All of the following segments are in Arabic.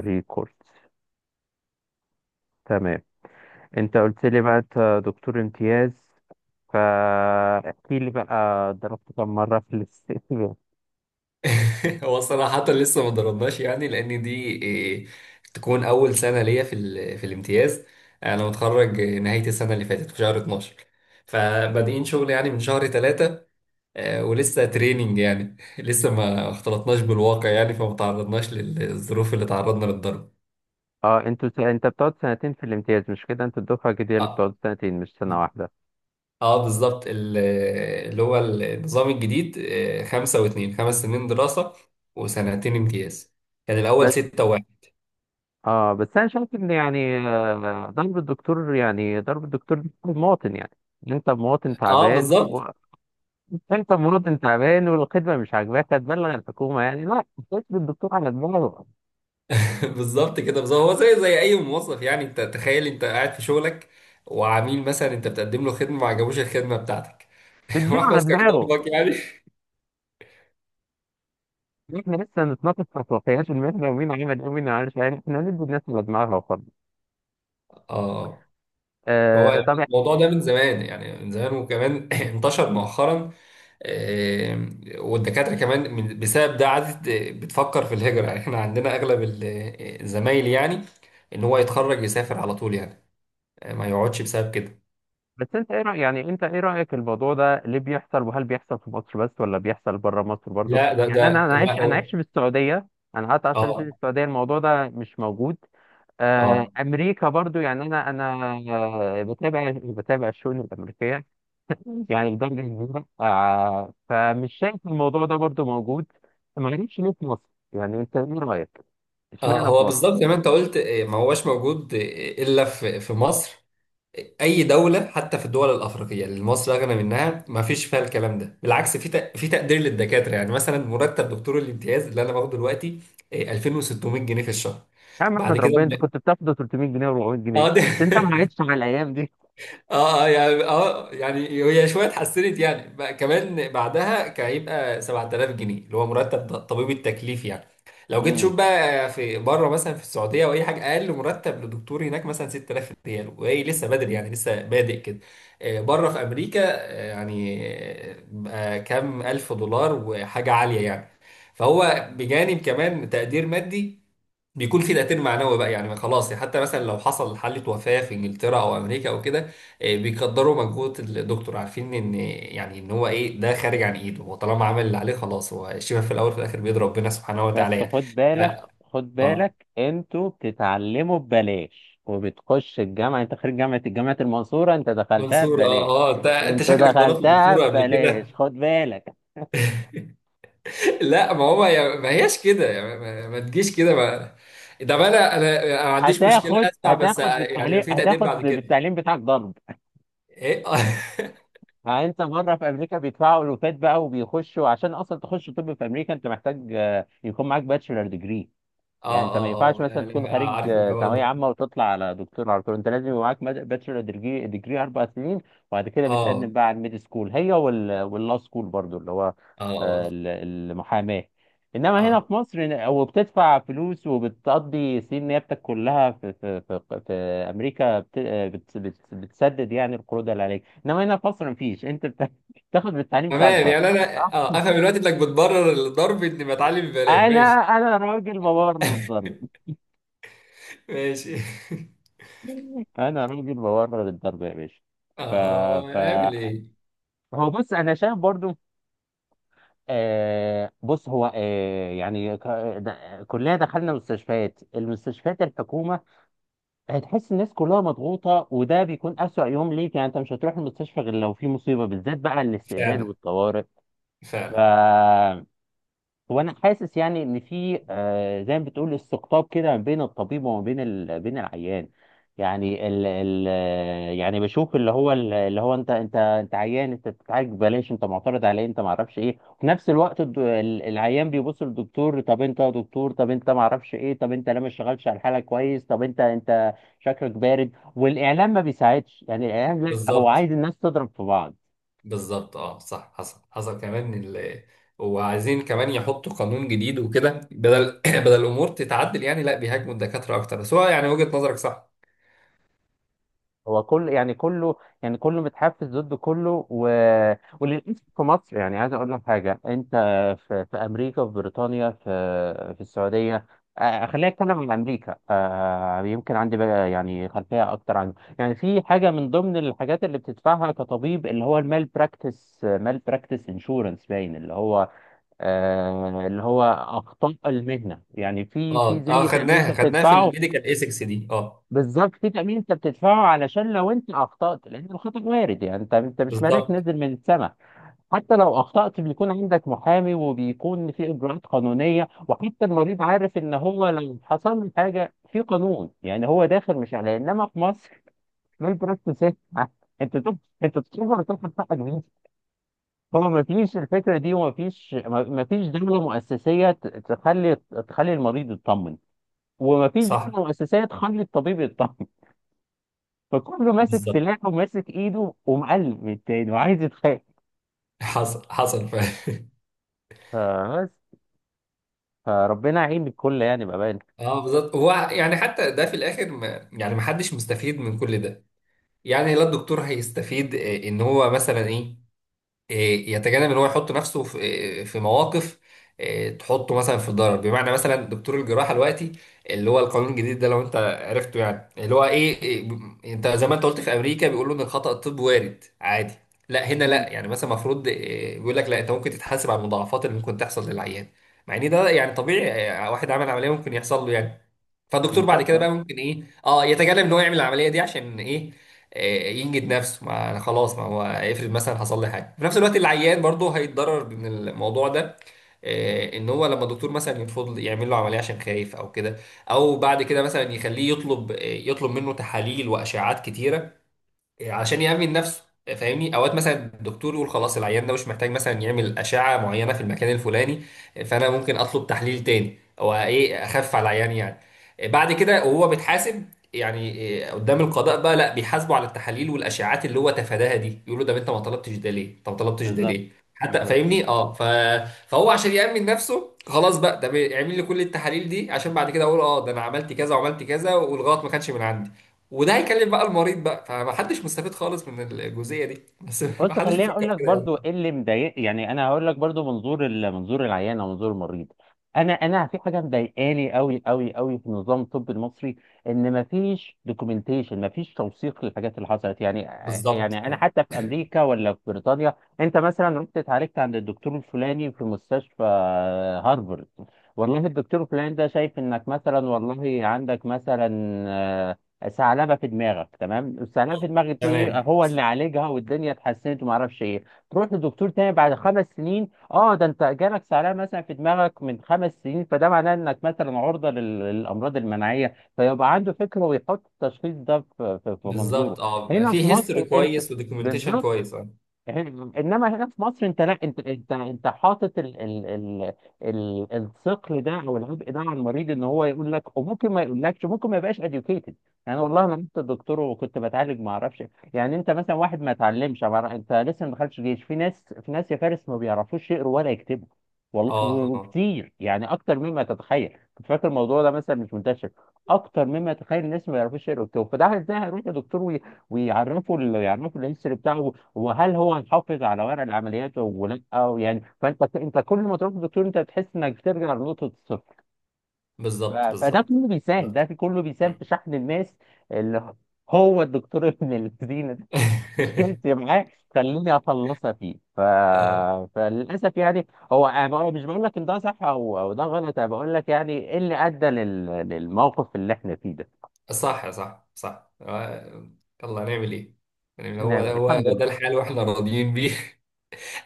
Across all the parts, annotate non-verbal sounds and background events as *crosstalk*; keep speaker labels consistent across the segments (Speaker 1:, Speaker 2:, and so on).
Speaker 1: ريكوردز. تمام. انت قلت لي بقى انت دكتور امتياز، فاحكي لي بقى ضربت كم مرة في الاستقبال؟
Speaker 2: *laughs* هو صراحة لسه ما ضربناش يعني لأن دي إيه، تكون أول سنة ليا في في الامتياز. أنا متخرج نهاية السنة اللي فاتت في شهر 12، فبادئين شغل يعني من شهر 3. ولسه تريننج يعني *laughs* لسه ما اختلطناش بالواقع يعني فما تعرضناش للظروف اللي تعرضنا للضرب.
Speaker 1: *laughs* انت بتقعد سنتين في الامتياز، مش كده؟ انت الدفعة الجديدة اللي
Speaker 2: اه
Speaker 1: بتقعد سنتين مش سنة واحدة.
Speaker 2: اه، بالظبط اللي هو النظام الجديد، خمسة واتنين، 5 سنين دراسة وسنتين امتياز. كان الأول
Speaker 1: بس
Speaker 2: ستة وواحد.
Speaker 1: اه بس انا شايف ان يعني ضرب الدكتور، يعني ضرب الدكتور ده المواطن يعني. انت مواطن
Speaker 2: اه،
Speaker 1: تعبان
Speaker 2: بالظبط.
Speaker 1: *laughs* انت مواطن تعبان والخدمة مش عاجباك هتبلغ الحكومة يعني، لا، تدي الدكتور على دماغه،
Speaker 2: *laughs* بالظبط كده بالظبط، هو زي اي موظف يعني. انت تخيل انت قاعد في شغلك وعميل مثلا انت بتقدم له خدمه ما عجبوش الخدمه بتاعتك. *laughs*
Speaker 1: تديله
Speaker 2: واحمد
Speaker 1: على دماغه.
Speaker 2: استخدمك يعني.
Speaker 1: احنا لسه نتناقش في خصوصيات المترو ومين عمل ايه ومين ما عملش، يعني احنا ندي الناس اللي دماغها وخلاص.
Speaker 2: اه، هو يعني
Speaker 1: طب يعني،
Speaker 2: الموضوع ده من زمان، يعني من زمان، وكمان *laughs* *clears throat* انتشر مؤخرا. آه، والدكاتره كمان بسبب ده عادت بتفكر في الهجره. يعني احنا عندنا اغلب الزمايل يعني ان هو يتخرج يسافر على طول يعني، ما يقعدش بسبب كده.
Speaker 1: بس انت ايه رايك؟ يعني انت ايه رايك، الموضوع ده ليه بيحصل؟ وهل بيحصل في مصر بس ولا بيحصل بره مصر برضو؟
Speaker 2: لا، ده
Speaker 1: يعني انا
Speaker 2: ده
Speaker 1: انا
Speaker 2: لا
Speaker 1: عايش،
Speaker 2: هو.
Speaker 1: عايش في السعوديه. انا قعدت 10 سنين
Speaker 2: اه
Speaker 1: في السعوديه، الموضوع ده مش موجود. آه،
Speaker 2: اه،
Speaker 1: امريكا برضو، يعني انا بتابع، الشؤون الامريكيه *laughs* يعني بدرجة كبيرة، آه، فمش شايف الموضوع ده برضو موجود. ما غريبش، ليه في مصر؟ يعني انت ايه رأيك؟ اشمعنى في
Speaker 2: هو
Speaker 1: مصر؟
Speaker 2: بالظبط زي ما انت قلت، ما هوش موجود الا في مصر. اي دوله، حتى في الدول الافريقيه اللي مصر اغنى منها، ما فيش فيها الكلام ده. بالعكس، في في تقدير للدكاتره يعني. مثلا مرتب دكتور الامتياز اللي انا باخده دلوقتي 2600 جنيه في الشهر.
Speaker 1: يا عم
Speaker 2: بعد
Speaker 1: احمد
Speaker 2: كده
Speaker 1: ربنا، انت كنت بتاخده 300 جنيه و400 جنيه،
Speaker 2: اه، ده
Speaker 1: انت ما
Speaker 2: *laughs*
Speaker 1: عادش على الايام دي.
Speaker 2: اه يعني، هي شويه اتحسنت يعني بقى، كمان بعدها كان هيبقى 7000 جنيه اللي هو مرتب طبيب التكليف يعني. لو جيت
Speaker 1: امم
Speaker 2: تشوف بقى في بره مثلا، في السعوديه او اي حاجه، اقل مرتب لدكتور هناك مثلا 6000 ريال، وهي لسه بدري يعني لسه بادئ كده. بره في امريكا، بقى كام الف دولار وحاجه عاليه يعني. فهو بجانب كمان تقدير مادي، بيكون في تأثير معنوي بقى يعني. خلاص، حتى مثلا لو حصل حالة وفاة في انجلترا او امريكا او كده، بيقدروا مجهود الدكتور، عارفين ان يعني ان هو ايه، ده خارج عن ايده. هو طالما عمل اللي عليه خلاص، هو الشفاء في الاول وفي الاخر بيد ربنا سبحانه وتعالى
Speaker 1: بس
Speaker 2: يعني.
Speaker 1: خد
Speaker 2: ف-
Speaker 1: بالك،
Speaker 2: اه
Speaker 1: انتوا بتتعلموا ببلاش، وبتخش الجامعه، انت خريج جامعه، الجامعه المنصوره، انت دخلتها
Speaker 2: منصور، اه
Speaker 1: ببلاش،
Speaker 2: اه، انت شكلك ضربت الدكتوره قبل كده.
Speaker 1: خد بالك.
Speaker 2: *laughs* لا، ما هو ما هياش كده يعني، ما تجيش كده ما. ده ما انا ما عنديش مشكله، اسمع بس، يعني ما في تقدير
Speaker 1: هتاخد
Speaker 2: بعد كده.
Speaker 1: بالتعليم بتاعك ضرب.
Speaker 2: ايه *laughs* اه
Speaker 1: ها، انت بره في امريكا بيدفعوا الوفات بقى، وبيخشوا عشان اصلا تخش طب في امريكا، انت محتاج يكون معاك باتشلر ديجري.
Speaker 2: اه
Speaker 1: يعني انت ما
Speaker 2: اه،
Speaker 1: ينفعش مثلا تكون
Speaker 2: انا
Speaker 1: خارج
Speaker 2: عارف الحوار
Speaker 1: ثانويه
Speaker 2: ده.
Speaker 1: عامه وتطلع على دكتور على طول، انت لازم يبقى معاك باتشلر ديجري، اربع سنين، وبعد كده
Speaker 2: اه
Speaker 1: بتقدم بقى على الميد سكول هي واللا سكول برضو اللي هو
Speaker 2: اه اه
Speaker 1: المحاماه. انما هنا
Speaker 2: اه،
Speaker 1: في مصر، إن- او بتدفع فلوس وبتقضي سنين نيابتك كلها في امريكا بت آه، بت بت بتسدد يعني القروض اللي عليك، انما هنا في مصر مفيش. *laughs* بتاخد بالتعليم بتاعك
Speaker 2: تمام
Speaker 1: ضرب،
Speaker 2: يعني. انا
Speaker 1: صح؟
Speaker 2: افهم دلوقتي انك بتبرر الضرب اني بتعلم ببلاش،
Speaker 1: انا
Speaker 2: ماشي
Speaker 1: انا راجل ببرر الضرب،
Speaker 2: ماشي.
Speaker 1: انا راجل بورر الضرب يا باشا.
Speaker 2: *laughs* اه
Speaker 1: ف ف
Speaker 2: اه، اعمل ايه.
Speaker 1: هو بص، انا شايف برضو آه بص هو آه يعني ك... د... كلنا دخلنا المستشفيات الحكومه، هتحس الناس كلها مضغوطه، وده بيكون اسوأ يوم ليك. يعني انت مش هتروح المستشفى غير لو في مصيبه، بالذات بقى الاستقبال
Speaker 2: فعلا،
Speaker 1: والطوارئ. ف
Speaker 2: فعلا.
Speaker 1: هو انا حاسس يعني ان في زي ما بتقول استقطاب كده ما بين الطبيب وما بين بين العيان. يعني ال... ال... آه، يعني بشوف اللي هو انت عيان، انت بتتعالج ببلاش، انت معترض عليه، انت ما اعرفش ايه. وفي نفس الوقت العيان بيبص للدكتور، طب انت يا دكتور، طب انت ما اعرفش ايه، طب انت لا ما اشتغلتش على الحاله كويس، طب انت شكلك بارد. والاعلام ما بيساعدش، يعني الاعلام لا، هو
Speaker 2: بالظبط
Speaker 1: عايز الناس تضرب في بعض.
Speaker 2: بالظبط، اه، صح. حصل، حصل كمان وعايزين كمان يحطوا قانون جديد وكده، بدل *clears throat* بدل الامور تتعدل يعني، لا بيهاجموا الدكاتره اكتر. بس هو يعني، وجهه نظرك صح.
Speaker 1: هو كل كله متحفز ضد كله وللأسف في مصر، يعني عايز أقول لك حاجة. أنت في أمريكا، في بريطانيا، في السعودية، آه، خلينا نتكلم عن أمريكا، آه، يمكن عندي بقى يعني خلفية أكتر عن، يعني في حاجة من ضمن الحاجات اللي بتدفعها كطبيب، اللي هو المال براكتس، مال براكتس انشورنس، باين اللي هو اللي هو أخطاء المهنة، يعني في
Speaker 2: اه اه،
Speaker 1: زي تأمين أنت
Speaker 2: خدناها في
Speaker 1: بتدفعه.
Speaker 2: الميديكال ايثكس دي، اه.
Speaker 1: بالظبط، في تأمين انت بتدفعه علشان لو انت اخطأت، لان الخطأ وارد، يعني انت مش ملاك
Speaker 2: بالظبط،
Speaker 1: نازل من السماء. حتى لو اخطأت بيكون عندك محامي، وبيكون في اجراءات قانونية، وحتى المريض عارف ان هو لو حصل له حاجة في قانون، يعني هو داخل مش عليه. انما في مصر مين براكتس إيه؟ *laughs* انت تب... انت تقدر تاخد حقك منين؟ هو ما فيش الفكرة دي، وما فيش ما ما فيش دولة مؤسسية تخلي، المريض يطمن، وما فيش
Speaker 2: صح،
Speaker 1: دولة مؤسسية تخلي الطبيب يطمن. فكله ماسك
Speaker 2: بالظبط.
Speaker 1: سلاحه وماسك ايده ومقلب من التاني وعايز يتخانق.
Speaker 2: حصل، حصل *laughs*
Speaker 1: فبس فربنا يعين الكل يعني بأمان.
Speaker 2: اه بالظبط. هو يعني حتى ده في الاخر ما يعني، ما حدش مستفيد من كل ده يعني. لا الدكتور هيستفيد، ان هو مثلا ايه، يتجنب ان هو يحط نفسه في، في مواقف، تحطه مثلا في ضرر. بمعنى مثلا دكتور الجراحه دلوقتي، اللي هو القانون الجديد ده، لو انت عرفته يعني، اللي هو ايه، انت زي ما انت قلت في امريكا بيقولوا ان الخطا الطبي وارد عادي. لا هنا
Speaker 1: مم.
Speaker 2: لا، يعني مثلا المفروض، بيقول لك لا، انت ممكن تتحاسب على المضاعفات اللي ممكن تحصل للعيان. مع ان ده يعني طبيعي، واحد عمل عمليه ممكن يحصل له يعني. فالدكتور بعد
Speaker 1: بالظبط.
Speaker 2: كده
Speaker 1: اه
Speaker 2: بقى ممكن ايه اه يتجنب ان هو يعمل العمليه دي، عشان ايه، ينجد نفسه. ما أنا خلاص، ما هو افرض مثلا حصل لي حاجه. في نفس الوقت العيان برضه هيتضرر من الموضوع ده، ان هو لما الدكتور مثلا يرفض يعمل له عمليه عشان خايف او كده، او بعد كده مثلا يخليه يطلب، يطلب منه تحاليل واشعات كتيره عشان يأمن نفسه. فاهمني، اوقات مثلا الدكتور يقول خلاص العيان ده مش محتاج مثلا يعمل اشعه معينه في المكان الفلاني، فانا ممكن اطلب تحليل تاني او ايه اخف على العيان يعني. بعد كده وهو بيتحاسب يعني، قدام القضاء بقى، لا بيحاسبوا على التحاليل والاشعاعات اللي هو تفاداها دي. يقولوا ده انت ما طلبتش ده ليه، انت ما طلبتش ده
Speaker 1: بالظبط.
Speaker 2: ليه، حتى،
Speaker 1: بالظبط،
Speaker 2: فاهمني اه فهو عشان يأمن نفسه خلاص بقى ده بيعمل لي كل التحاليل دي، عشان بعد كده اقول اه ده انا عملت كذا وعملت كذا والغلط ما كانش من عندي. وده هيكلم بقى المريض بقى. فمحدش مستفيد خالص من الجزئيه دي، بس *laughs*
Speaker 1: بص
Speaker 2: محدش
Speaker 1: خليني
Speaker 2: بيفكر
Speaker 1: اقول لك
Speaker 2: كده
Speaker 1: برضو
Speaker 2: يعني.
Speaker 1: ايه اللي مضايق، يعني انا هقول لك برضو منظور منظور العيان او منظور المريض. انا في حاجه مضايقاني قوي في نظام الطب المصري، ان مفيش دوكيومنتيشن، مفيش توثيق للحاجات اللي حصلت يعني.
Speaker 2: بالظبط.
Speaker 1: يعني انا حتى في امريكا ولا في بريطانيا، انت مثلا رحت اتعالجت عند الدكتور الفلاني في مستشفى هارفرد، والله الدكتور الفلاني ده شايف انك مثلا، والله عندك مثلا ثعلبه في دماغك، تمام؟ الثعلبه في دماغك دي
Speaker 2: تمام،
Speaker 1: هو اللي عالجها، والدنيا اتحسنت وما اعرفش ايه. تروح لدكتور تاني بعد خمس سنين، اه ده انت جالك ثعلبه مثلا في دماغك من خمس سنين، فده معناه انك مثلا عرضه للامراض المناعيه، فيبقى عنده فكره ويحط التشخيص ده في منظوره.
Speaker 2: بالظبط. اه،
Speaker 1: هنا في
Speaker 2: في هيستوري
Speaker 1: مصر انت،
Speaker 2: كويس ودوكيومنتيشن
Speaker 1: بالظبط،
Speaker 2: كويس، اه.
Speaker 1: انما هنا في مصر انت لا، انت حاطط ال ال ال ال الثقل ده او العبء ده على المريض، ان هو يقول لك، وممكن ما يقولكش، ممكن ما يبقاش educated. يعني والله انا كنت دكتور وكنت بتعالج ما اعرفش، يعني انت مثلا واحد ما اتعلمش، ما أعرف- انت لسه ما دخلتش جيش، في ناس، يا فارس ما بيعرفوش يقروا ولا يكتبوا، والله،
Speaker 2: اه آه.
Speaker 1: وكتير يعني اكتر مما تتخيل. كنت فاكر الموضوع ده مثلا مش منتشر، اكتر مما تتخيل. الناس ما يعرفوش يقروا ويكتبوا، فده ازاي هيروح لدكتور ويعرفه يعرفه الهيستوري بتاعه؟ وهل هو هيحافظ على ورق العمليات ولا؟ او يعني انت كل ما تروح للدكتور انت بتحس انك بترجع لنقطه الصفر.
Speaker 2: بالظبط،
Speaker 1: فده
Speaker 2: بالظبط،
Speaker 1: كله بيساهم، ده
Speaker 2: بالظبط.
Speaker 1: في كله بيساهم
Speaker 2: مم.
Speaker 1: في شحن الماس اللي هو الدكتور *laughs* ابن الذين ده.
Speaker 2: *laughs*
Speaker 1: مشكلتي معاه خليني اخلصها فيه.
Speaker 2: اه،
Speaker 1: فللاسف يعني، هو مش بقول لك ان ده صح او ده غلط، انا بقول لك يعني ايه اللي ادى للموقف اللي احنا فيه ده.
Speaker 2: صح صح صح، يلا هنعمل ايه. يعني هو
Speaker 1: هنعمل إيه؟
Speaker 2: هو
Speaker 1: الحمد
Speaker 2: هو
Speaker 1: لله.
Speaker 2: ده الحال واحنا راضيين بيه.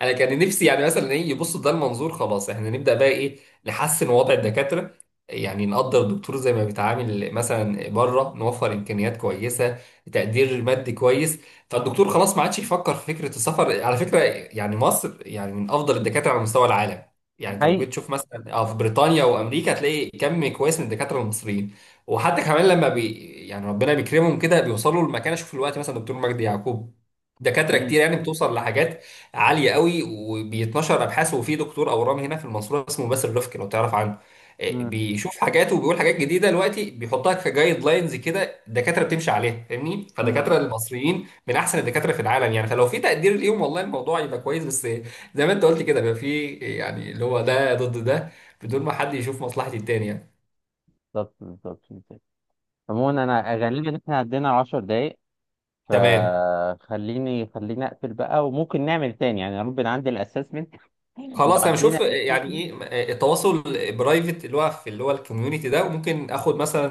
Speaker 2: انا كان نفسي يعني مثلا ايه، يبصوا ده المنظور. خلاص، احنا نبدا بقى، ايه، نحسن وضع الدكاتره. يعني نقدر الدكتور زي ما بيتعامل مثلا بره، نوفر امكانيات كويسه، تقدير مادي كويس. فالدكتور خلاص ما عادش يفكر في فكره السفر على فكره. يعني مصر يعني من افضل الدكاتره على مستوى العالم. يعني انت لو
Speaker 1: هي
Speaker 2: جيت تشوف مثلا، في بريطانيا وامريكا، هتلاقي كم كويس من الدكاتره المصريين. وحتى كمان لما يعني ربنا بيكرمهم كده بيوصلوا لمكانه. شوف الوقت مثلا دكتور مجدي يعقوب، دكاتره كتير يعني بتوصل لحاجات عاليه قوي، وبيتنشر ابحاث. وفي دكتور اورام هنا في المنصوره اسمه باسل رفكي، لو تعرف عنه، بيشوف حاجات وبيقول حاجات جديده دلوقتي بيحطها كجايد لاينز كده الدكاتره بتمشي عليها، فاهمني. فالدكاتره المصريين من احسن الدكاتره في العالم يعني. فلو في تقدير ليهم، والله الموضوع يبقى كويس. بس زي ما انت قلت كده بيبقى في يعني اللي هو ده ضد ده، بدون ما حد يشوف مصلحه التاني يعني.
Speaker 1: بالظبط، بالظبط. عموما انا غالبا احنا عدينا 10 دقايق،
Speaker 2: تمام.
Speaker 1: فخليني اقفل بقى، وممكن نعمل تاني يعني، يا رب نعدي الاسسمنت لو
Speaker 2: خلاص انا بشوف
Speaker 1: عدينا
Speaker 2: يعني ايه، التواصل برايفت اللي هو الكوميونتي ده، وممكن اخد مثلا